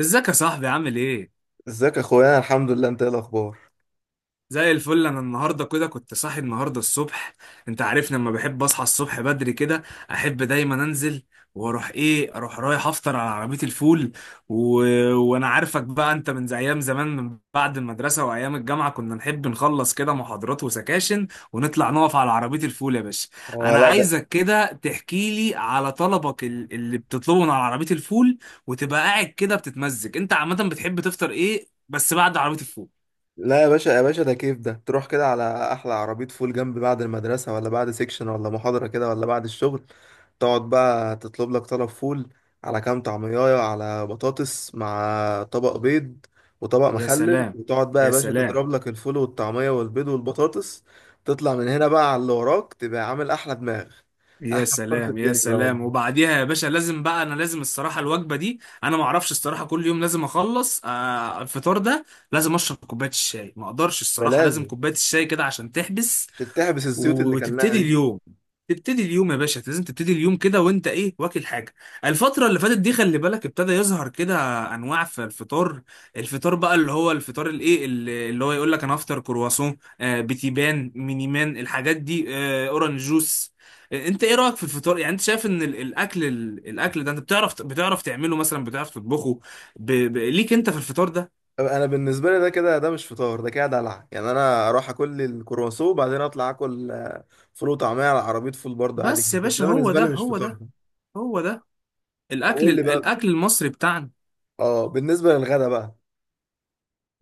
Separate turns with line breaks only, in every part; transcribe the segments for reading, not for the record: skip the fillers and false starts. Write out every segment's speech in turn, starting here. ازيك يا صاحبي عامل ايه؟
ازيك يا اخويا، أنا الحمد لله. انت ايه الاخبار؟
زي الفل، انا النهارده كده كنت صاحي النهارده الصبح. انت عارفني لما بحب اصحى الصبح بدري كده، احب دايما انزل واروح ايه اروح رايح افطر على عربيه الفول و... وانا عارفك بقى انت من زي ايام زمان، من بعد المدرسه وايام الجامعه كنا نحب نخلص كده محاضرات وسكاشن ونطلع نقف على عربيه الفول يا باشا.
اه،
انا
لا ده.
عايزك كده تحكي لي على طلبك اللي بتطلبه من على عربيه الفول، وتبقى قاعد كده بتتمزج. انت عامه بتحب تفطر ايه بس بعد عربيه الفول؟
لا يا باشا، يا باشا ده كيف ده تروح كده على احلى عربيه فول جنب بعد المدرسه، ولا بعد سيكشن، ولا محاضره كده، ولا بعد الشغل. تقعد بقى تطلب لك طلب فول، على كام طعميه، على بطاطس، مع طبق بيض، وطبق
يا
مخلل،
سلام،
وتقعد بقى يا
يا
باشا
سلام.
تضرب لك الفول والطعميه والبيض والبطاطس. تطلع من هنا بقى على اللي وراك، تبقى عامل احلى دماغ.
يا
احلى فطار في
سلام، يا
الدنيا ده
سلام.
والله.
وبعديها يا باشا لازم، بقى انا لازم الصراحه الوجبه دي، انا ما اعرفش الصراحه، كل يوم لازم اخلص الفطار ده. لازم اشرب كوبايه الشاي، ما اقدرش
ده
الصراحه، لازم
لازم
كوبايه الشاي كده عشان تحبس
عشان تحبس الزيوت اللي كلناها
وتبتدي
دي.
اليوم. تبتدي اليوم يا باشا، لازم تبتدي اليوم كده، وانت ايه واكل حاجه. الفتره اللي فاتت دي خلي بالك ابتدى يظهر كده انواع في الفطار. الفطار بقى اللي هو الفطار الايه اللي هو يقول لك انا افطر كرواسون، بتيبان مينيمان الحاجات دي، اورنج جوس. انت ايه رايك في الفطار؟ يعني انت شايف ان الاكل ده انت بتعرف، بتعرف تعمله مثلا، بتعرف تطبخه؟ ليك انت في الفطار ده؟
انا بالنسبه لي ده كده، ده مش فطار، ده كده دلع يعني. انا اروح اكل لي الكرواسون، وبعدين اطلع اكل فول وطعميه على عربيه فول برضه، عادي
بس يا
جدا.
باشا
ده
هو
بالنسبه
ده،
لي مش
هو
فطار
ده،
ده.
هو ده
طب
الاكل
قول لي بقى.
الاكل المصري بتاعنا.
اه، بالنسبه للغدا بقى،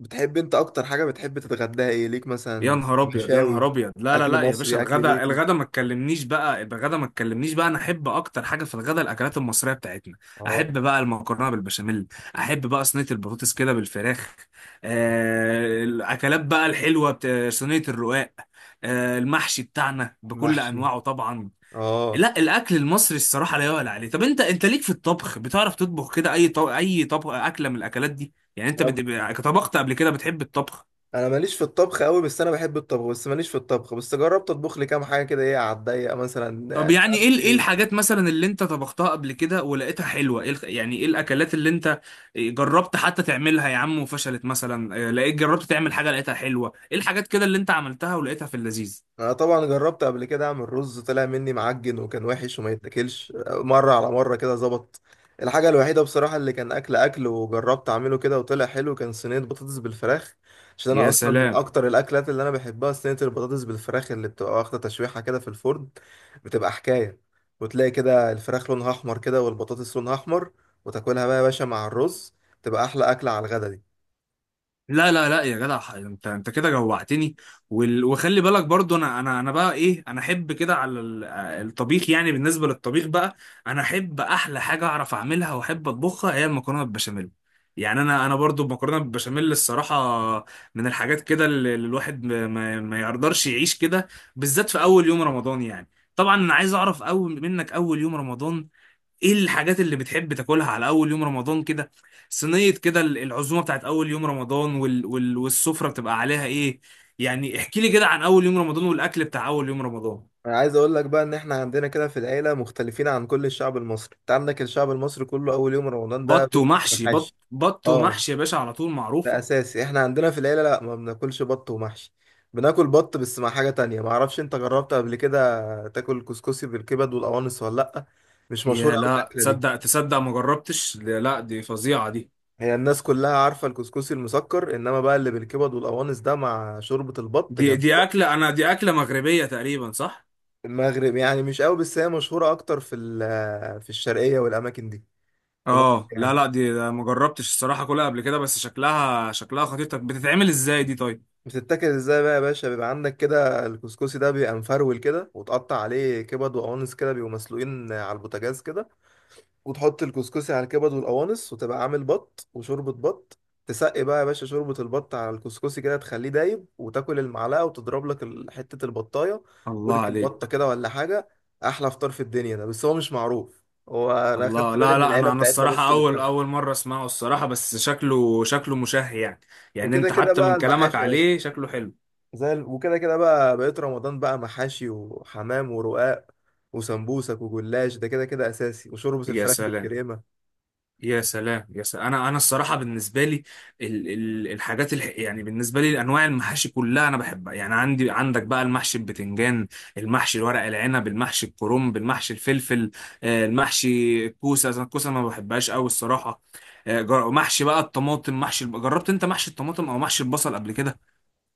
بتحب انت اكتر حاجه بتحب تتغداها ايه؟ ليك
يا
مثلا
نهار ابيض يا نهار
مشاوي؟
ابيض، لا لا
اكل
لا يا باشا،
مصري، اكل
الغدا
بيتي.
الغدا ما تكلمنيش بقى، يبقى الغدا ما تكلمنيش بقى، انا احب اكتر حاجه في الغدا الاكلات المصريه بتاعتنا.
اه.
احب بقى المكرونه بالبشاميل، احب بقى صينيه البطاطس كده بالفراخ، الاكلات بقى الحلوه صينيه الرقاق، المحشي بتاعنا بكل
محشي.
انواعه طبعا.
اه.
لا الاكل المصري الصراحه لا يعلى عليه. طب انت ليك في الطبخ؟ بتعرف تطبخ كده اي طبخ اكله من الاكلات دي؟ يعني انت
انا
طبخت قبل كده؟ بتحب الطبخ؟
أنا ماليش في الطبخ قوي، بس انا بحب الطبخ، بس ماليش في الطبخ، بس جربت اطبخ لي كام حاجه كده ايه على الضيق مثلا،
طب
مش
يعني
عارف
ايه ايه
ايه.
الحاجات مثلا اللي انت طبختها قبل كده ولقيتها حلوه؟ ايه يعني ايه الاكلات اللي انت جربت حتى تعملها يا عم وفشلت مثلا؟ جربت تعمل حاجه لقيتها حلوه؟ ايه الحاجات كده اللي انت عملتها ولقيتها في اللذيذ؟
انا طبعا جربت قبل كده اعمل رز، طلع مني معجن وكان وحش وما يتاكلش، مره على مره كده ظبط. الحاجه الوحيده بصراحه اللي كان اكل اكل وجربت اعمله كده وطلع حلو كان صينيه بطاطس بالفراخ. عشان انا
يا
اصلا من
سلام.
اكتر الاكلات اللي انا بحبها صينيه البطاطس بالفراخ، اللي بتبقى واخده تشويحه كده في الفرن. بتبقى حكايه. وتلاقي كده الفراخ لونها احمر كده والبطاطس لونها احمر، وتاكلها بقى يا باشا مع الرز. تبقى احلى اكله على الغدا دي.
لا لا لا يا جدع، انت كده جوعتني. وخلي بالك برضو انا بقى ايه، انا احب كده على الطبيخ، يعني بالنسبه للطبيخ بقى انا احب احلى حاجه اعرف اعملها واحب اطبخها هي المكرونه بالبشاميل. يعني انا برضو المكرونه بالبشاميل الصراحه من الحاجات كده اللي الواحد ما يقدرش يعيش كده، بالذات في اول يوم رمضان يعني. طبعا انا عايز اعرف اول منك، اول يوم رمضان ايه الحاجات اللي بتحب تاكلها على اول يوم رمضان كده؟ صينية كده العزومة بتاعت اول يوم رمضان، والسفرة بتبقى عليها ايه؟ يعني احكي لي كده عن اول يوم رمضان والاكل بتاع اول يوم رمضان.
انا عايز اقول لك بقى ان احنا عندنا كده في العيله مختلفين عن كل الشعب المصري. انت عندك الشعب المصري كله اول يوم رمضان ده
بط
بيفطر
ومحشي، بط
بحاش.
بط
اه،
ومحشي يا باشا على طول
ده
معروفة.
اساسي. احنا عندنا في العيله لا، ما بناكلش بط ومحشي. بناكل بط بس مع حاجه تانية. ما اعرفش انت جربت قبل كده تاكل كسكسي بالكبد والقوانص ولا لا. مش مشهوره
يا
قوي
لا
الاكله دي.
تصدق تصدق ما جربتش، لا لا، دي فظيعة دي.
هي الناس كلها عارفه الكسكسي المسكر، انما بقى اللي بالكبد والقوانص ده مع شوربه البط
دي
جنب.
دي اكلة، انا دي اكلة مغربية تقريبا صح؟
المغرب يعني مش قوي، بس هي مشهوره اكتر في في الشرقيه والاماكن دي. في مصر
اه لا
يعني.
لا دي ده ما جربتش الصراحة كلها قبل كده، بس شكلها شكلها خطير. طب بتتعمل ازاي دي طيب؟
بتتاكل ازاي بقى يا باشا؟ بيبقى عندك كده الكسكسي ده بيبقى مفرول كده، وتقطع عليه كبد وقوانص كده، بيبقوا مسلوقين على البوتاجاز كده، وتحط الكسكسي على الكبد والقوانص، وتبقى عامل بط وشوربة بط. تسقي بقى يا باشا شوربة البط على الكسكسي كده، تخليه دايب، وتاكل المعلقة، وتضرب لك حتة البطاية،
الله
ورك
عليك.
البطة كده ولا حاجة. أحلى فطار في الدنيا ده، بس هو مش معروف. هو أنا أخدت
الله،
بالي
لا
من
لا
العيلة
انا
بتاعتنا بس
الصراحه
اللي
اول
بتاكله.
اول مره اسمعه الصراحه، بس شكله شكله مشهي يعني. يعني
وكده
انت
كده
حتى
بقى
من كلامك
المحاشي يا باشا،
عليه شكله حلو.
وكده كده بقى بقيت رمضان بقى محاشي وحمام ورقاق وسمبوسك وجلاش، ده كده كده اساسي، وشوربة
يا
الفراخ
سلام.
بالكريمة.
يا سلام، يا سلام. انا الصراحه بالنسبه لي ال ال الحاجات الح يعني بالنسبه لي انواع المحاشي كلها انا بحبها، يعني عندك بقى المحشي البتنجان، المحشي الورق العنب، المحشي الكرنب، المحشي الفلفل، المحشي الكوسه. أنا الكوسه ما بحبهاش قوي الصراحه. محشي بقى الطماطم، محشي جربت انت محشي الطماطم او محشي البصل قبل كده؟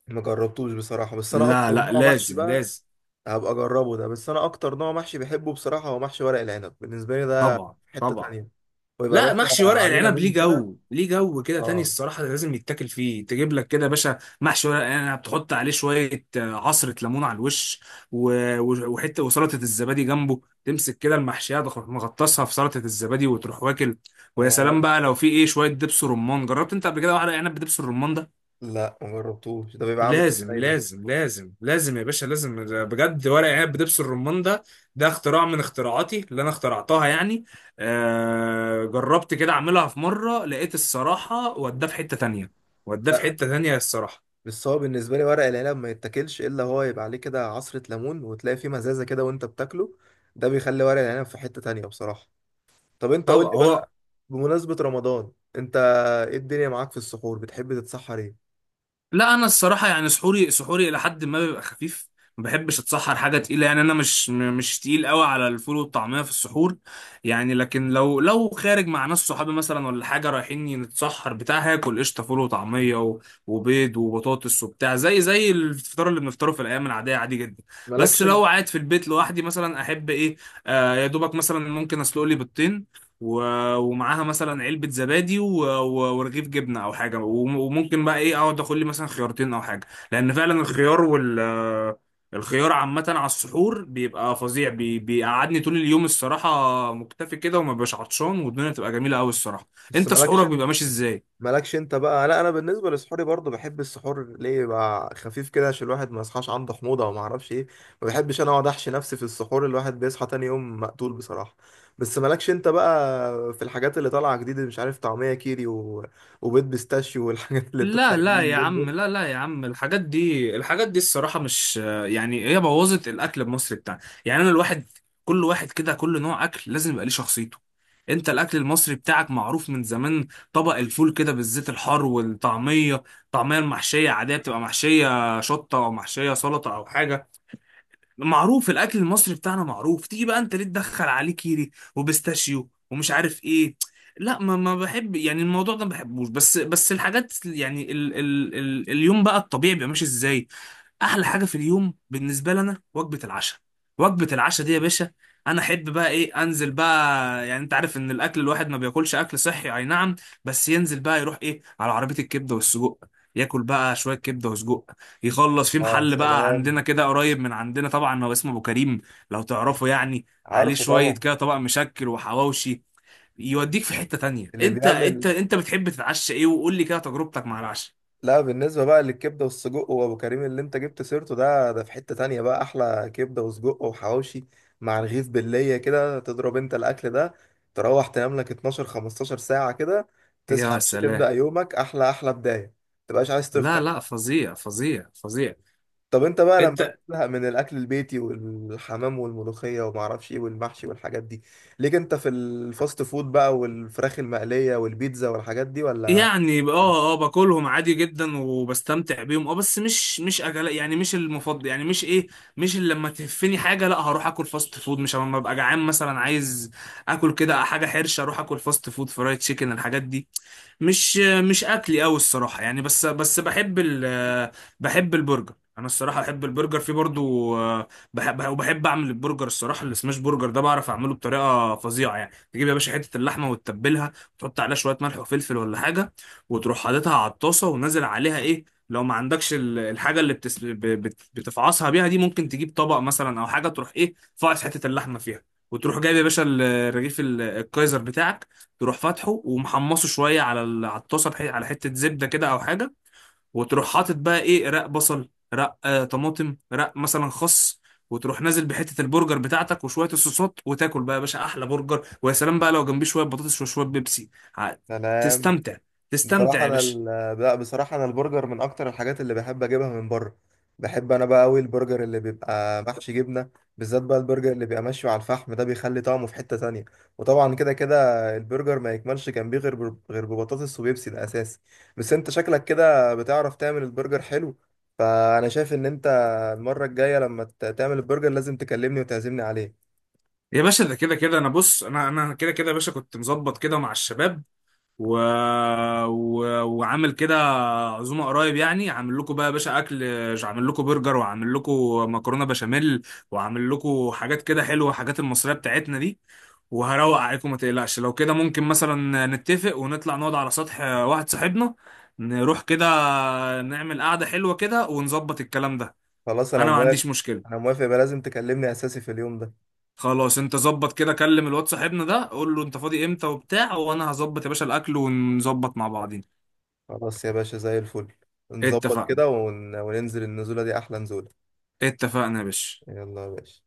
ما جربتوش بصراحة، بس انا
لا
اكتر
لا
نوع محشي
لازم
بقى
لازم.
هبقى اجربه ده، بس انا اكتر نوع محشي بحبه بصراحة هو محشي ورق العنب. بالنسبة لي ده
طبعا
في حتة
طبعا.
تانية. ويبقى
لا
باشا.
محشي ورق
عليه
العنب ليه
ليمون كده.
جو، ليه جو كده تاني
اه.
الصراحة، لازم يتاكل. فيه تجيب لك كده يا باشا محشي ورق العنب، تحط عليه شوية عصرة ليمون على الوش، وحتة وسلطة الزبادي جنبه، تمسك كده المحشية مغطسها في سلطة الزبادي وتروح واكل. ويا سلام
اه،
بقى لو في شوية دبس رمان. جربت انت قبل كده واحدة عنب بدبس الرمان ده؟
لا ما جربتوش. ده بيبقى عامل
لازم
ازاي ده؟
لازم لازم لازم يا باشا لازم، ده بجد ورق عنب بدبس الرمان ده، ده اختراع من اختراعاتي اللي انا اخترعتها يعني. جربت كده اعملها في مره لقيت الصراحه وداه في حته تانية، وداه في
لا،
حته تانية الصراحه.
بس هو بالنسبة لي ورق العنب ما يتاكلش إلا هو يبقى عليه كده عصرة ليمون وتلاقي فيه مزازة كده وأنت بتاكله. ده بيخلي ورق العنب في حتة تانية بصراحة. طب أنت
طب
قول لي بقى،
هو،
بمناسبة رمضان، أنت إيه الدنيا معاك في السحور؟ بتحب تتسحر إيه؟
لا انا الصراحه يعني سحوري، سحوري الى حد ما بيبقى خفيف، ما بحبش اتسحر حاجه تقيله. يعني انا مش تقيل قوي على الفول والطعميه في السحور. يعني لكن لو خارج مع ناس صحابي مثلا، ولا حاجه رايحين نتسحر بتاع، هاكل قشطه فول وطعميه وبيض وبطاطس وبتاع، زي الفطار اللي بنفطره في الايام العاديه عادي جدا. بس
مالكشن.
لو قاعد في البيت لوحدي مثلا احب ايه؟ يا دوبك مثلا ممكن اسلق لي بيضتين ومعاها مثلا علبة زبادي ورغيف جبنة أو حاجة، وممكن بقى إيه، أقعد آكل لي مثلا خيارتين أو حاجة، لأن فعلا الخيار الخيار عامة على السحور بيبقى فظيع، بيقعدني طول اليوم الصراحة مكتفي كده وما بقاش عطشان، والدنيا تبقى جميلة أوي الصراحة.
بس
أنت سحورك
مالكشن.
بيبقى ماشي إزاي؟
مالكش انت بقى. لا انا بالنسبه لسحوري برضو بحب السحور ليه يبقى خفيف كده عشان الواحد ما يصحاش عنده حموضه او ما اعرفش ايه. ما بحبش انا اقعد احشي نفسي في السحور، الواحد بيصحى تاني يوم مقتول بصراحه. بس مالكش انت بقى. في الحاجات اللي طالعه جديد، مش عارف، طعميه كيري وبيض بيستاشيو، والحاجات اللي بتطلع
لا
جديد
لا يا
اليومين
عم،
دول.
لا لا يا عم، الحاجات دي، الحاجات دي الصراحة مش، يعني هي بوظت الأكل المصري بتاعنا. يعني أنا الواحد، كل واحد كده كل نوع أكل لازم يبقى ليه شخصيته. أنت الأكل المصري بتاعك معروف من زمان، طبق الفول كده بالزيت الحار، والطعمية، الطعمية المحشية عادية بتبقى محشية شطة أو محشية سلطة أو حاجة. معروف الاكل المصري بتاعنا معروف، تيجي بقى انت ليه تدخل عليه كيري وبيستاشيو ومش عارف ايه؟ لا ما بحب، يعني الموضوع ده ما بحبوش. بس الحاجات يعني ال ال ال اليوم بقى الطبيعي بيبقى ماشي ازاي. احلى حاجه في اليوم بالنسبه لنا وجبه العشاء. وجبه العشاء دي يا باشا، انا احب بقى انزل بقى. يعني انت عارف ان الاكل، الواحد ما بياكلش اكل صحي اي نعم، بس ينزل بقى يروح على عربيه الكبده والسجق، ياكل بقى شويه كبده وسجق، يخلص في
اه، يا
محل بقى
سلام.
عندنا، كده قريب من عندنا طبعا، هو اسمه ابو كريم لو تعرفه يعني، عليه
عارفه
شويه
طبعا.
كده طبق مشكل وحواوشي يوديك في حته تانية.
اللي
انت،
بيعمل.
انت بتحب تتعشى ايه؟ وقول لي كده تجربتك مع العشاء.
لا، بالنسبة بقى للكبدة والسجق وأبو كريم اللي أنت جبت سيرته ده، ده في حتة تانية بقى. أحلى كبدة وسجق وحواوشي مع رغيف باللية كده، تضرب أنت الأكل ده، تروح تنام لك 12 15 ساعة كده، تصحى
يا
مش تبدأ
سلام،
يومك أحلى أحلى بداية. متبقاش عايز تفطر.
لا لا فظيع فظيع فظيع.
طب أنت بقى لما
انت،
بتزهق من الأكل البيتي والحمام والملوخية ومعرفش إيه والمحشي والحاجات دي، ليك أنت في الفاست فود بقى والفراخ المقلية والبيتزا والحاجات دي ولا؟
يعني باكلهم عادي جدا وبستمتع بيهم، بس مش اكل، يعني مش المفضل، يعني مش ايه، مش اللي لما تهفني حاجه لا هروح اكل فاست فود، مش لما ابقى جعان مثلا عايز اكل كده حاجه حرشه اروح اكل فاست فود فرايد تشيكن الحاجات دي. مش مش اكلي قوي الصراحه يعني، بس بحب ال، بحب البرجر، انا الصراحه بحب البرجر في برضو، بحب وبحب اعمل البرجر. الصراحه السماش برجر ده بعرف اعمله بطريقه فظيعه. يعني تجيب يا باشا حته اللحمه وتتبلها، تحط عليها شويه ملح وفلفل ولا حاجه، وتروح حاططها على الطاسه ونازل عليها لو ما عندكش الحاجه اللي بتفعصها بيها دي، ممكن تجيب طبق مثلا او حاجه تروح فاعص حته اللحمه فيها. وتروح جايب يا باشا رغيف الكايزر بتاعك، تروح فاتحه ومحمصه شويه على على الطاسه على حته زبده كده او حاجه. وتروح حاطط بقى رق بصل، رق طماطم، رق مثلا خس، وتروح نازل بحته البرجر بتاعتك وشويه الصوصات وتاكل بقى يا باشا احلى برجر. ويا سلام بقى لو جنبيه شويه بطاطس وشويه بيبسي. ع-
سلام.
تستمتع،
بصراحة
تستمتع يا
أنا
باشا.
ال... لا، بصراحة أنا البرجر من أكتر الحاجات اللي بحب أجيبها من بره. بحب أنا بقى أوي البرجر اللي بيبقى محشي جبنة، بالذات بقى البرجر اللي بيبقى مشوي على الفحم ده بيخلي طعمه في حتة تانية. وطبعا كده كده البرجر ما يكملش جنبيه غير غير ببطاطس وبيبسي، ده أساسي. بس أنت شكلك كده بتعرف تعمل البرجر حلو، فأنا شايف إن أنت المرة الجاية لما تعمل البرجر لازم تكلمني وتعزمني عليه.
يا باشا ده كده كده انا بص، انا كده كده يا باشا كنت مظبط كده مع الشباب و... و... وعامل كده عزومه قريب، يعني عامل لكم بقى يا باشا اكل، عامل لكم برجر وعامل لكم مكرونه بشاميل وعامل لكم حاجات كده حلوه، حاجات المصريه بتاعتنا دي، وهروق عليكم ما تقلقش. لو كده ممكن مثلا نتفق ونطلع نقعد على سطح واحد صاحبنا، نروح كده نعمل قعده حلوه كده ونظبط الكلام ده.
خلاص أنا
انا ما
موافق.
عنديش
أنا
مشكله.
موافق، يبقى لازم تكلمني أساسي في اليوم ده.
خلاص انت ظبط كده، كلم الواد صاحبنا ده، قول له انت فاضي امتى وبتاع، وانا هظبط يا باشا الاكل ونظبط مع بعضين.
خلاص يا باشا، زي الفل. نظبط
اتفقنا،
كده وننزل النزولة دي أحلى نزولة.
اتفقنا يا باشا.
يلا يا باشا.